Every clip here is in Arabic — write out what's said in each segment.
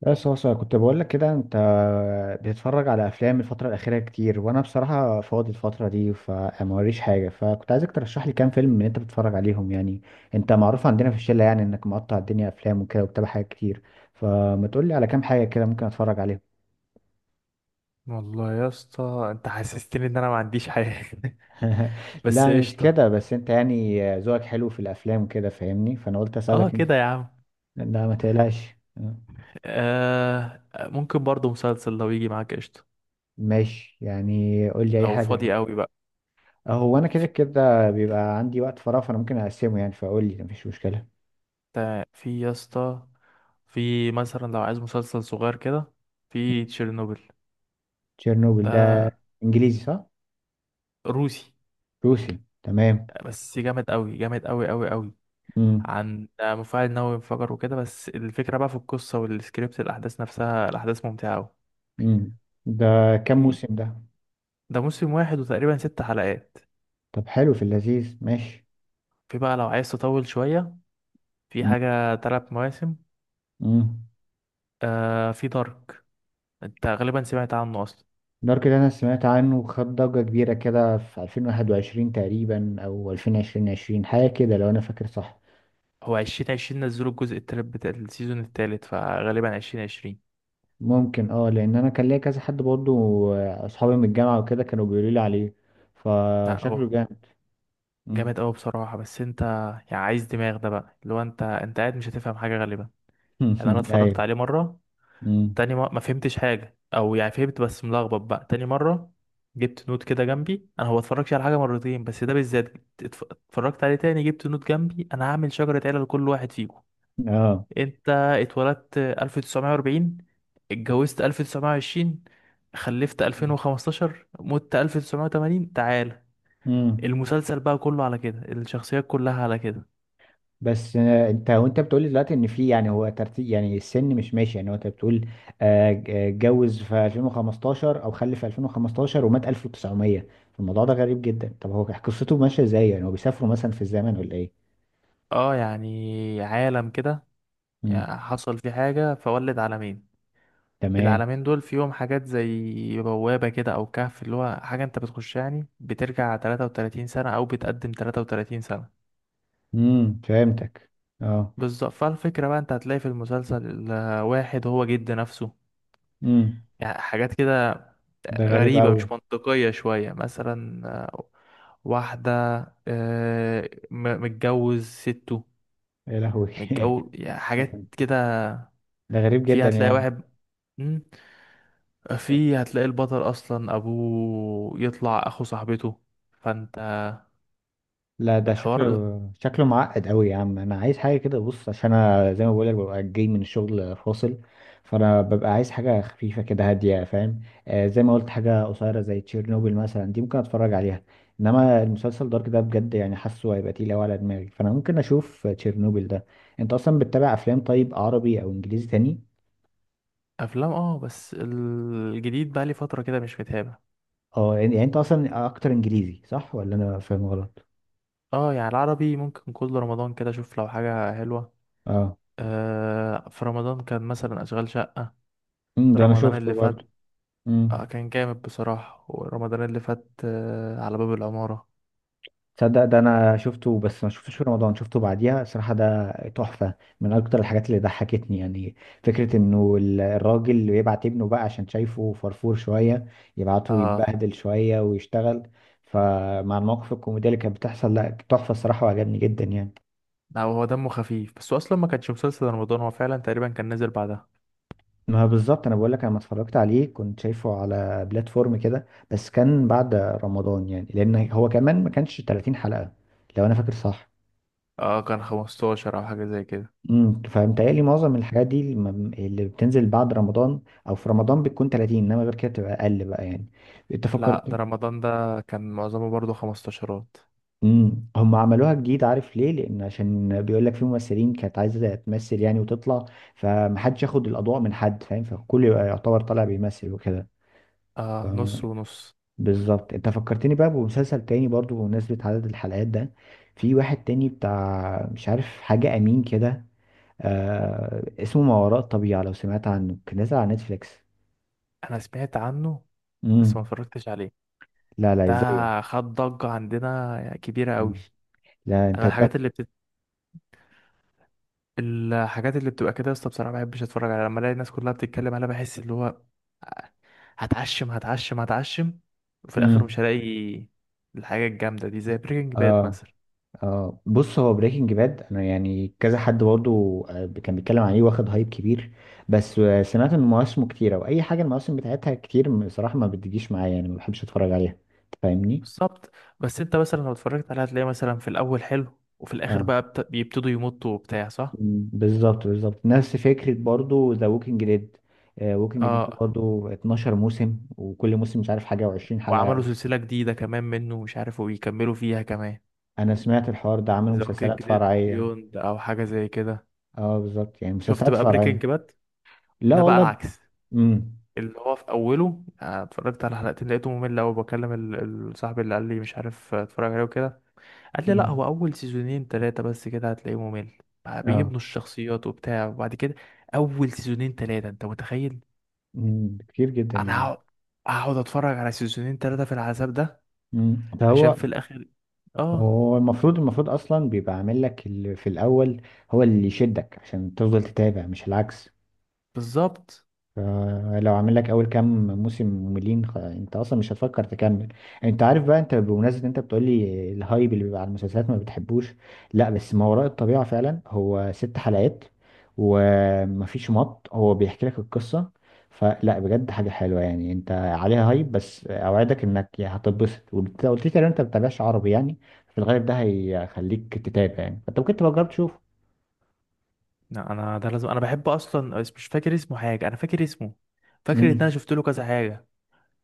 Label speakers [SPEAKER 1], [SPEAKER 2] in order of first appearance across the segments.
[SPEAKER 1] بس هو سؤال كنت بقول لك كده. انت بتتفرج على افلام الفتره الاخيره كتير، وانا بصراحه فاضي الفتره دي فموريش حاجه، فكنت عايزك ترشح لي كام فيلم من اللي انت بتتفرج عليهم. يعني انت معروف عندنا في الشله، يعني انك مقطع الدنيا افلام وكده وبتابع حاجات كتير. فما تقول لي على كام حاجه كده ممكن اتفرج عليهم؟
[SPEAKER 2] والله يا اسطى، انت حسستني ان انا ما عنديش حاجه. بس
[SPEAKER 1] لا مش
[SPEAKER 2] قشطه.
[SPEAKER 1] كده، بس انت يعني ذوقك حلو في الافلام كده فاهمني، فانا قلت
[SPEAKER 2] اه
[SPEAKER 1] اسالك انت.
[SPEAKER 2] كده يا عم.
[SPEAKER 1] لا ما تقلقش.
[SPEAKER 2] آه، ممكن برضو مسلسل لو يجي معاك. قشطه
[SPEAKER 1] ماشي يعني، قول لي اي
[SPEAKER 2] لو
[SPEAKER 1] حاجه.
[SPEAKER 2] فاضي قوي بقى.
[SPEAKER 1] هو انا كده
[SPEAKER 2] في
[SPEAKER 1] كده بيبقى عندي وقت فراغ، فانا ممكن اقسمه يعني، فاقول لي مفيش مشكله.
[SPEAKER 2] في يا اسطى. في مثلا لو عايز مسلسل صغير كده، في تشيرنوبل.
[SPEAKER 1] تشيرنوبل ده
[SPEAKER 2] ده
[SPEAKER 1] انجليزي صح؟
[SPEAKER 2] روسي،
[SPEAKER 1] روسي، تمام.
[SPEAKER 2] بس جامد قوي، جامد قوي قوي قوي.
[SPEAKER 1] امم
[SPEAKER 2] عن مفاعل نووي انفجر وكده، بس الفكره بقى في القصه والسكريبت، الاحداث نفسها، الاحداث ممتعه قوي.
[SPEAKER 1] امم ده كام
[SPEAKER 2] في
[SPEAKER 1] موسم ده؟
[SPEAKER 2] ده موسم واحد وتقريبا 6 حلقات.
[SPEAKER 1] طب حلو، في اللذيذ ماشي.
[SPEAKER 2] في بقى لو عايز تطول شوية، في
[SPEAKER 1] امم
[SPEAKER 2] حاجة 3 مواسم.
[SPEAKER 1] امم
[SPEAKER 2] آه، في دارك، انت غالبا سمعت عنه اصلا.
[SPEAKER 1] دارك ده انا سمعت عنه وخد ضجه كبيره كده في 2021 تقريبا او 2020 حاجه كده، لو انا فاكر صح.
[SPEAKER 2] هو 2020 نزلوا الجزء التالت بتاع السيزون التالت، فغالبا 2020.
[SPEAKER 1] ممكن، اه، لان انا كان ليا كذا حد برضه. اصحابي من الجامعه وكده كانوا بيقولوا لي عليه،
[SPEAKER 2] لا،
[SPEAKER 1] فشكله
[SPEAKER 2] هو
[SPEAKER 1] جامد. مم.
[SPEAKER 2] جامد اوي بصراحة، بس انت يعني عايز دماغ ده بقى، اللي هو انت قاعد مش هتفهم حاجة غالبا. يعني انا اتفرجت
[SPEAKER 1] ايوه.
[SPEAKER 2] عليه مرة،
[SPEAKER 1] مم.
[SPEAKER 2] تاني ما فهمتش حاجة، او يعني فهمت بس ملخبط، بقى تاني مرة جبت نوت كده جنبي. انا هو اتفرجش على حاجة مرتين بس ده بالذات. اتفرجت عليه تاني، جبت نوت جنبي، انا هعمل شجرة عيلة لكل واحد فيكم.
[SPEAKER 1] اه.
[SPEAKER 2] انت اتولدت 1940، اتجوزت 1920، خلفت 2015، مت 1980، تعال.
[SPEAKER 1] امم
[SPEAKER 2] المسلسل بقى كله على كده، الشخصيات كلها على كده.
[SPEAKER 1] بس انت وانت بتقولي دلوقتي ان في يعني، هو ترتيب يعني السن مش ماشي يعني، هو انت بتقول اتجوز في 2015 او خلف في 2015 ومات 1900. الموضوع ده غريب جدا، طب هو قصته ماشيه ازاي؟ يعني هو بيسافروا مثلا في الزمن ولا ايه؟
[SPEAKER 2] اه، يعني عالم كده،
[SPEAKER 1] امم
[SPEAKER 2] يعني حصل فيه حاجة فولد عالمين.
[SPEAKER 1] تمام.
[SPEAKER 2] العالمين دول فيهم حاجات زي بوابة كده أو كهف، اللي هو حاجة أنت بتخش يعني بترجع 33 سنة أو بتقدم 33 سنة.
[SPEAKER 1] فهمتك. اه.
[SPEAKER 2] بالظبط، فالفكرة بقى أنت هتلاقي في المسلسل واحد هو جد نفسه،
[SPEAKER 1] امم
[SPEAKER 2] يعني حاجات كده
[SPEAKER 1] ده غريب
[SPEAKER 2] غريبة،
[SPEAKER 1] قوي.
[SPEAKER 2] مش منطقية شوية. مثلا واحدة متجوز سته،
[SPEAKER 1] يا لهوي.
[SPEAKER 2] متجوز، يعني حاجات كده.
[SPEAKER 1] ده غريب
[SPEAKER 2] في
[SPEAKER 1] جدا يا
[SPEAKER 2] هتلاقي
[SPEAKER 1] عم.
[SPEAKER 2] واحد مم، في هتلاقي البطل أصلا أبوه يطلع أخو صاحبته، فأنت.
[SPEAKER 1] لا ده
[SPEAKER 2] الحوار.
[SPEAKER 1] شكله معقد قوي يا عم، انا عايز حاجه كده، بص، عشان انا زي ما بقولك ببقى جاي من الشغل فاصل، فانا ببقى عايز حاجه خفيفه كده هاديه، فاهم؟ آه، زي ما قلت، حاجه قصيره زي تشيرنوبل مثلا دي ممكن اتفرج عليها. انما المسلسل دارك ده بجد يعني حاسه هيبقى تقيل قوي على دماغي، فانا ممكن اشوف تشيرنوبل ده. انت اصلا بتتابع افلام طيب، عربي او انجليزي تاني؟
[SPEAKER 2] أفلام، اه، بس الجديد بقى لي فترة كده مش متابع.
[SPEAKER 1] اه، يعني انت اصلا اكتر انجليزي صح ولا انا فاهم غلط؟
[SPEAKER 2] اه، يعني العربي ممكن كل رمضان كده أشوف لو حاجة حلوة.
[SPEAKER 1] اه.
[SPEAKER 2] آه، في رمضان كان مثلا أشغال شقة،
[SPEAKER 1] ده انا
[SPEAKER 2] رمضان اللي
[SPEAKER 1] شفته
[SPEAKER 2] فات.
[SPEAKER 1] برضه.
[SPEAKER 2] اه،
[SPEAKER 1] أمم.
[SPEAKER 2] كان جامد بصراحة. ورمضان اللي فات، على باب العمارة.
[SPEAKER 1] تصدق ده انا شفته، بس ما شفتوش في رمضان، شفته بعديها. صراحة ده تحفة. من اكتر الحاجات اللي ضحكتني يعني. فكرة انه الراجل اللي يبعت ابنه بقى عشان شايفه فرفور شوية، يبعته
[SPEAKER 2] اه،
[SPEAKER 1] يتبهدل شوية ويشتغل. فمع المواقف الكوميدية اللي كانت بتحصل، لا تحفة الصراحة وعجبني جدا يعني.
[SPEAKER 2] لا، هو دمه خفيف بس هو اصلا ما كانش مسلسل رمضان، هو فعلا تقريبا كان نزل بعدها.
[SPEAKER 1] ما هو بالظبط، انا بقول لك، انا لما اتفرجت عليه كنت شايفه على بلاتفورم كده، بس كان بعد رمضان يعني، لان هو كمان ما كانش 30 حلقة، لو انا فاكر صح.
[SPEAKER 2] اه، كان 15 او حاجة زي كده.
[SPEAKER 1] فمتهيألي معظم الحاجات دي اللي بتنزل بعد رمضان، او في رمضان بتكون 30، انما غير كده بتبقى اقل بقى يعني. انت
[SPEAKER 2] لا،
[SPEAKER 1] فكرت.
[SPEAKER 2] ده رمضان ده كان معظمه برضه 15ات.
[SPEAKER 1] هم عملوها جديد، عارف ليه؟ لان عشان بيقول لك في ممثلين كانت عايزه تمثل يعني وتطلع، فمحدش ياخد الاضواء من حد، فاهم؟ فالكل يبقى يعتبر طالع بيمثل وكده. ف-
[SPEAKER 2] اه، نص ونص.
[SPEAKER 1] بالظبط، انت فكرتني بقى بمسلسل تاني برضو بمناسبة عدد الحلقات ده. في واحد تاني بتاع مش عارف حاجة امين كده. آه اسمه ما وراء الطبيعة، لو سمعت عنه، كان نازل على نتفليكس.
[SPEAKER 2] انا سمعت عنه بس ما
[SPEAKER 1] امم
[SPEAKER 2] اتفرجتش عليه.
[SPEAKER 1] لا، لا،
[SPEAKER 2] ده
[SPEAKER 1] ازاي؟
[SPEAKER 2] خد ضجة عندنا كبيرة قوي.
[SPEAKER 1] مم. لا انت
[SPEAKER 2] انا الحاجات اللي بتت... الحاجات اللي بتبقى كده يا اسطى، بصراحة ما بحبش اتفرج عليها. لما الاقي الناس كلها بتتكلم عليها، بحس اللي هو هتعشم هتعشم هتعشم، وفي الاخر مش
[SPEAKER 1] امم
[SPEAKER 2] هلاقي الحاجه الجامده دي، زي بريكنج باد
[SPEAKER 1] اه.
[SPEAKER 2] مثلا.
[SPEAKER 1] اه، بص، هو بريكنج باد انا يعني كذا حد برضه. كان بيتكلم عليه واخد هايب كبير. بس سمعت ان مواسمه كتيره، واي حاجه المواسم بتاعتها كتير بصراحه ما بتجيش معايا يعني، ما بحبش اتفرج عليها. انت فاهمني؟
[SPEAKER 2] بالظبط. بس انت مثلا لو اتفرجت عليها هتلاقي مثلا في الاول حلو، وفي الاخر
[SPEAKER 1] اه.
[SPEAKER 2] بقى بيبتدوا يمطوا وبتاع، صح.
[SPEAKER 1] مم، بالظبط بالظبط نفس فكره برضه ذا ووكينج ديد. ووكينج ديد
[SPEAKER 2] اه،
[SPEAKER 1] برضه 12 موسم، وكل موسم مش عارف حاجه و20
[SPEAKER 2] وعملوا
[SPEAKER 1] حلقه.
[SPEAKER 2] سلسله جديده كمان منه مش عارف، وبيكملوا فيها كمان.
[SPEAKER 1] انا سمعت الحوار ده، عملوا
[SPEAKER 2] ذا
[SPEAKER 1] مسلسلات
[SPEAKER 2] ووكينج ديد
[SPEAKER 1] فرعيه.
[SPEAKER 2] بيوند او حاجه زي كده.
[SPEAKER 1] اه بالظبط، يعني
[SPEAKER 2] شفت
[SPEAKER 1] مسلسلات
[SPEAKER 2] بقى
[SPEAKER 1] فرعيه.
[SPEAKER 2] بريكنج باد؟
[SPEAKER 1] لا
[SPEAKER 2] ده بقى
[SPEAKER 1] والله.
[SPEAKER 2] العكس،
[SPEAKER 1] امم
[SPEAKER 2] اللي هو في اوله اتفرجت على حلقتين لقيته ممل قوي. بكلم صاحبي اللي قال لي مش عارف، اتفرج عليه وكده. قال لي لا،
[SPEAKER 1] امم
[SPEAKER 2] هو اول سيزونين ثلاثه بس كده هتلاقيه ممل، بقى
[SPEAKER 1] اه.
[SPEAKER 2] بيبنوا الشخصيات وبتاع، وبعد كده. اول سيزونين ثلاثه، انت متخيل؟
[SPEAKER 1] كتير جدا
[SPEAKER 2] انا
[SPEAKER 1] يعني.
[SPEAKER 2] هقعد اتفرج على سيزونين ثلاثه في العذاب ده
[SPEAKER 1] ده
[SPEAKER 2] عشان
[SPEAKER 1] هو.
[SPEAKER 2] في الاخر. اه،
[SPEAKER 1] هو المفروض، اصلا بيبقى عامل لك اللي في الاول، هو اللي يشدك عشان تفضل تتابع مش العكس.
[SPEAKER 2] بالظبط.
[SPEAKER 1] لو عامل لك اول كام موسم مملين انت اصلا مش هتفكر تكمل. انت عارف بقى، انت بمناسبه انت بتقول لي الهايب اللي بيبقى على المسلسلات ما بتحبوش، لا بس ما وراء الطبيعه فعلا هو 6 حلقات، ومفيش مط، هو بيحكي لك القصه. فلا، بجد حاجه حلوه يعني، انت عليها هايب بس اوعدك انك يا هتتبسط، وانت قلت لي تقريبا انت ما بتتابعش عربي يعني، في الغالب ده هيخليك تتابع يعني. فانت ممكن تبقى تجرب تشوف.
[SPEAKER 2] لا، انا ده لازم، انا بحب اصلا بس مش فاكر اسمه حاجه، انا فاكر اسمه، فاكر ان انا
[SPEAKER 1] امم
[SPEAKER 2] شفت له كذا حاجه،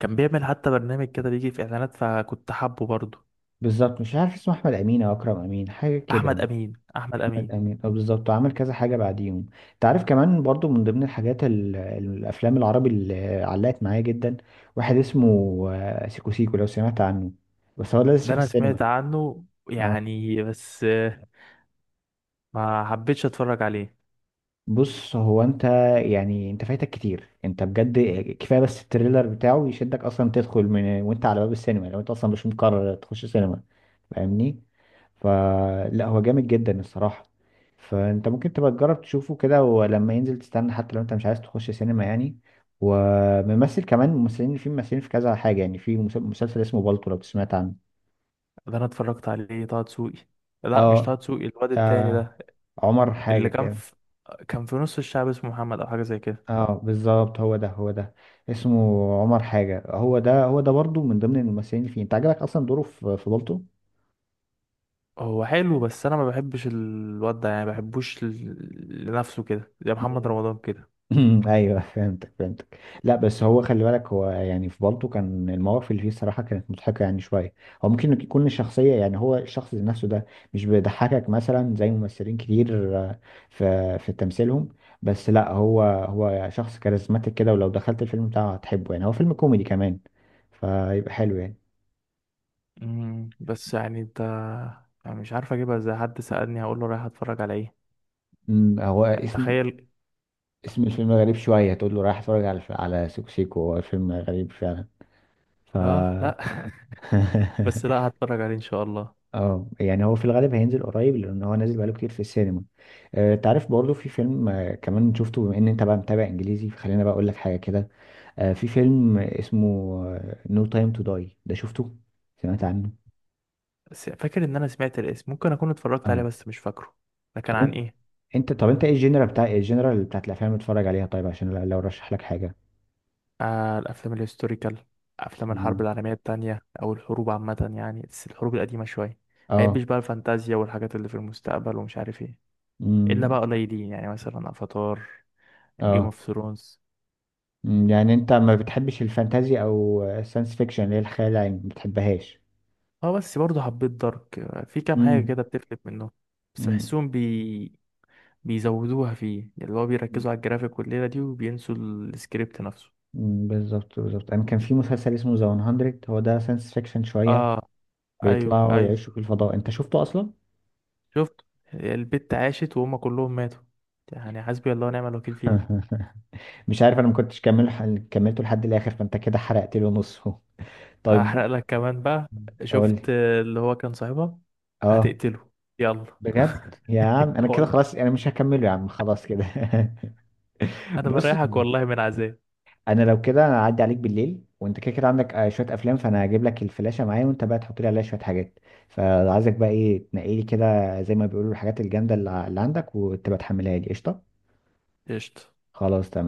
[SPEAKER 2] كان بيعمل حتى برنامج كده بيجي في اعلانات، فكنت حابه برضه.
[SPEAKER 1] بالظبط. مش عارف اسمه احمد امين او اكرم امين حاجه كده
[SPEAKER 2] احمد
[SPEAKER 1] يعني.
[SPEAKER 2] امين، احمد امين.
[SPEAKER 1] الأمين، أه بالظبط، وعمل كذا حاجة بعديهم. أنت عارف كمان برضو من ضمن الحاجات الأفلام العربي اللي علقت معايا جدا، واحد اسمه سيكو سيكو، لو سمعت عنه، بس هو لسه
[SPEAKER 2] ده
[SPEAKER 1] في
[SPEAKER 2] انا
[SPEAKER 1] السينما.
[SPEAKER 2] سمعت عنه،
[SPEAKER 1] اه
[SPEAKER 2] يعني بس ما حبيتش اتفرج عليه.
[SPEAKER 1] بص، هو انت يعني، انت فايتك كتير انت بجد. كفايه بس التريلر بتاعه يشدك اصلا تدخل من وانت على باب السينما لو انت اصلا مش مقرر تخش سينما، فاهمني؟ فلا، هو جامد جدا الصراحه. فانت ممكن تبقى تجرب تشوفه كده، ولما ينزل تستنى، حتى لو انت مش عايز تخش سينما يعني. وممثل كمان، ممثلين في كذا حاجه يعني، في مسلسل اسمه بالطو، لو سمعت عنه.
[SPEAKER 2] ده انا اتفرجت عليه، طه دسوقي. لا، مش
[SPEAKER 1] اه.
[SPEAKER 2] طه دسوقي، الواد التاني
[SPEAKER 1] آه،
[SPEAKER 2] ده
[SPEAKER 1] عمر حاجه
[SPEAKER 2] اللي كان
[SPEAKER 1] كده.
[SPEAKER 2] في، كان في نص الشعب، اسمه محمد او حاجه زي كده.
[SPEAKER 1] اه بالظبط، هو ده هو ده. اسمه عمر حاجة. هو ده هو ده برضو من ضمن الممثلين اللي فيه انت عجبك اصلا دوره في بالطو.
[SPEAKER 2] هو حلو بس انا ما بحبش الواد ده، يعني ما بحبوش لنفسه كده، زي محمد رمضان كده.
[SPEAKER 1] مم. ايوه فهمتك فهمتك. لا بس هو خلي بالك، هو يعني في بالطو كان المواقف اللي فيه الصراحة كانت مضحكة يعني شوية. هو ممكن يكون الشخصية يعني، هو الشخص ذات نفسه ده مش بيضحكك مثلا زي ممثلين كتير في تمثيلهم. بس لا، هو شخص كاريزماتيك كده، ولو دخلت الفيلم بتاعه هتحبه يعني، هو فيلم كوميدي كمان فيبقى حلو يعني.
[SPEAKER 2] بس يعني انت، يعني مش عارف اجيبها ازاي، حد سألني هقول له رايح اتفرج على ايه؟
[SPEAKER 1] هو
[SPEAKER 2] يعني
[SPEAKER 1] اسم
[SPEAKER 2] تخيل.
[SPEAKER 1] اسم الفيلم غريب شوية، تقول له رايح اتفرج على سيكو سيكو، هو فيلم غريب فعلا. ف
[SPEAKER 2] اه، لا. بس لا، هتفرج عليه ان شاء الله.
[SPEAKER 1] اه يعني هو في الغالب هينزل قريب، لان هو نازل بقاله كتير في السينما. انت عارف برضه في فيلم، كمان شفته، بما ان انت بقى متابع انجليزي فخلينا بقى اقول لك حاجة كده. في فيلم اسمه نو تايم تو داي، ده شفته؟ سمعت عنه؟
[SPEAKER 2] بس فاكر ان انا سمعت الاسم، ممكن اكون اتفرجت عليه
[SPEAKER 1] اه.
[SPEAKER 2] بس مش فاكره. ده كان
[SPEAKER 1] طب
[SPEAKER 2] عن
[SPEAKER 1] انت،
[SPEAKER 2] ايه؟
[SPEAKER 1] انت طب انت ايه الجنرال بتاع، بتاعت الافلام اللي بتتفرج عليها طيب؟ عشان لو رشح لك حاجة.
[SPEAKER 2] آه، الأفلام الهيستوريكال، أفلام الحرب
[SPEAKER 1] تمام.
[SPEAKER 2] العالمية التانية أو الحروب عامة، يعني بس الحروب القديمة شوية.
[SPEAKER 1] اه.
[SPEAKER 2] مبحبش بقى الفانتازيا والحاجات اللي في المستقبل ومش عارف ايه، إلا
[SPEAKER 1] امم
[SPEAKER 2] بقى قليلين يعني مثلا أفاتار، جيم
[SPEAKER 1] اه.
[SPEAKER 2] اوف ثرونز.
[SPEAKER 1] مم، يعني انت ما بتحبش الفانتازي او الساينس فيكشن اللي هي الخيال العلمي ما بتحبهاش؟
[SPEAKER 2] اه، بس برضه حبيت دارك. في كام حاجة
[SPEAKER 1] مم،
[SPEAKER 2] كده بتفلت منهم، بس
[SPEAKER 1] مم،
[SPEAKER 2] بحسهم بيزودوها فيه، يعني اللي هو بيركزوا على الجرافيك والليلة دي وبينسوا السكريبت نفسه.
[SPEAKER 1] مم، بالظبط بالظبط. انا كان في مسلسل اسمه ذا 100، هو ده ساينس فيكشن شويه،
[SPEAKER 2] اه، ايوه
[SPEAKER 1] بيطلعوا
[SPEAKER 2] ايوه.
[SPEAKER 1] يعيشوا في الفضاء، انت شفته اصلا؟
[SPEAKER 2] شفت البت عاشت وهم كلهم ماتوا؟ يعني حسبي الله ونعم الوكيل فيها.
[SPEAKER 1] مش عارف، انا ما كنتش كملته لحد الاخر، فانت كده حرقت له نصه. طيب
[SPEAKER 2] احرق لك كمان بقى.
[SPEAKER 1] قول لي.
[SPEAKER 2] شفت اللي هو كان صاحبها؟
[SPEAKER 1] اه
[SPEAKER 2] هتقتله. يلا.
[SPEAKER 1] بجد يا عم، انا كده
[SPEAKER 2] والله.
[SPEAKER 1] خلاص، انا مش هكمله يا عم، خلاص كده.
[SPEAKER 2] انا
[SPEAKER 1] بص،
[SPEAKER 2] بريحك والله من عذاب.
[SPEAKER 1] انا لو كده انا هعدي عليك بالليل وانت كده كده عندك شويه افلام، فانا هجيب لك الفلاشه معايا وانت بقى تحط لي عليها شويه حاجات. فعايزك بقى ايه، تنقي لي كده زي ما بيقولوا الحاجات الجامده اللي عندك، وتبقى تحملها لي قشطه.
[SPEAKER 2] قشطة.
[SPEAKER 1] خلاص تمام.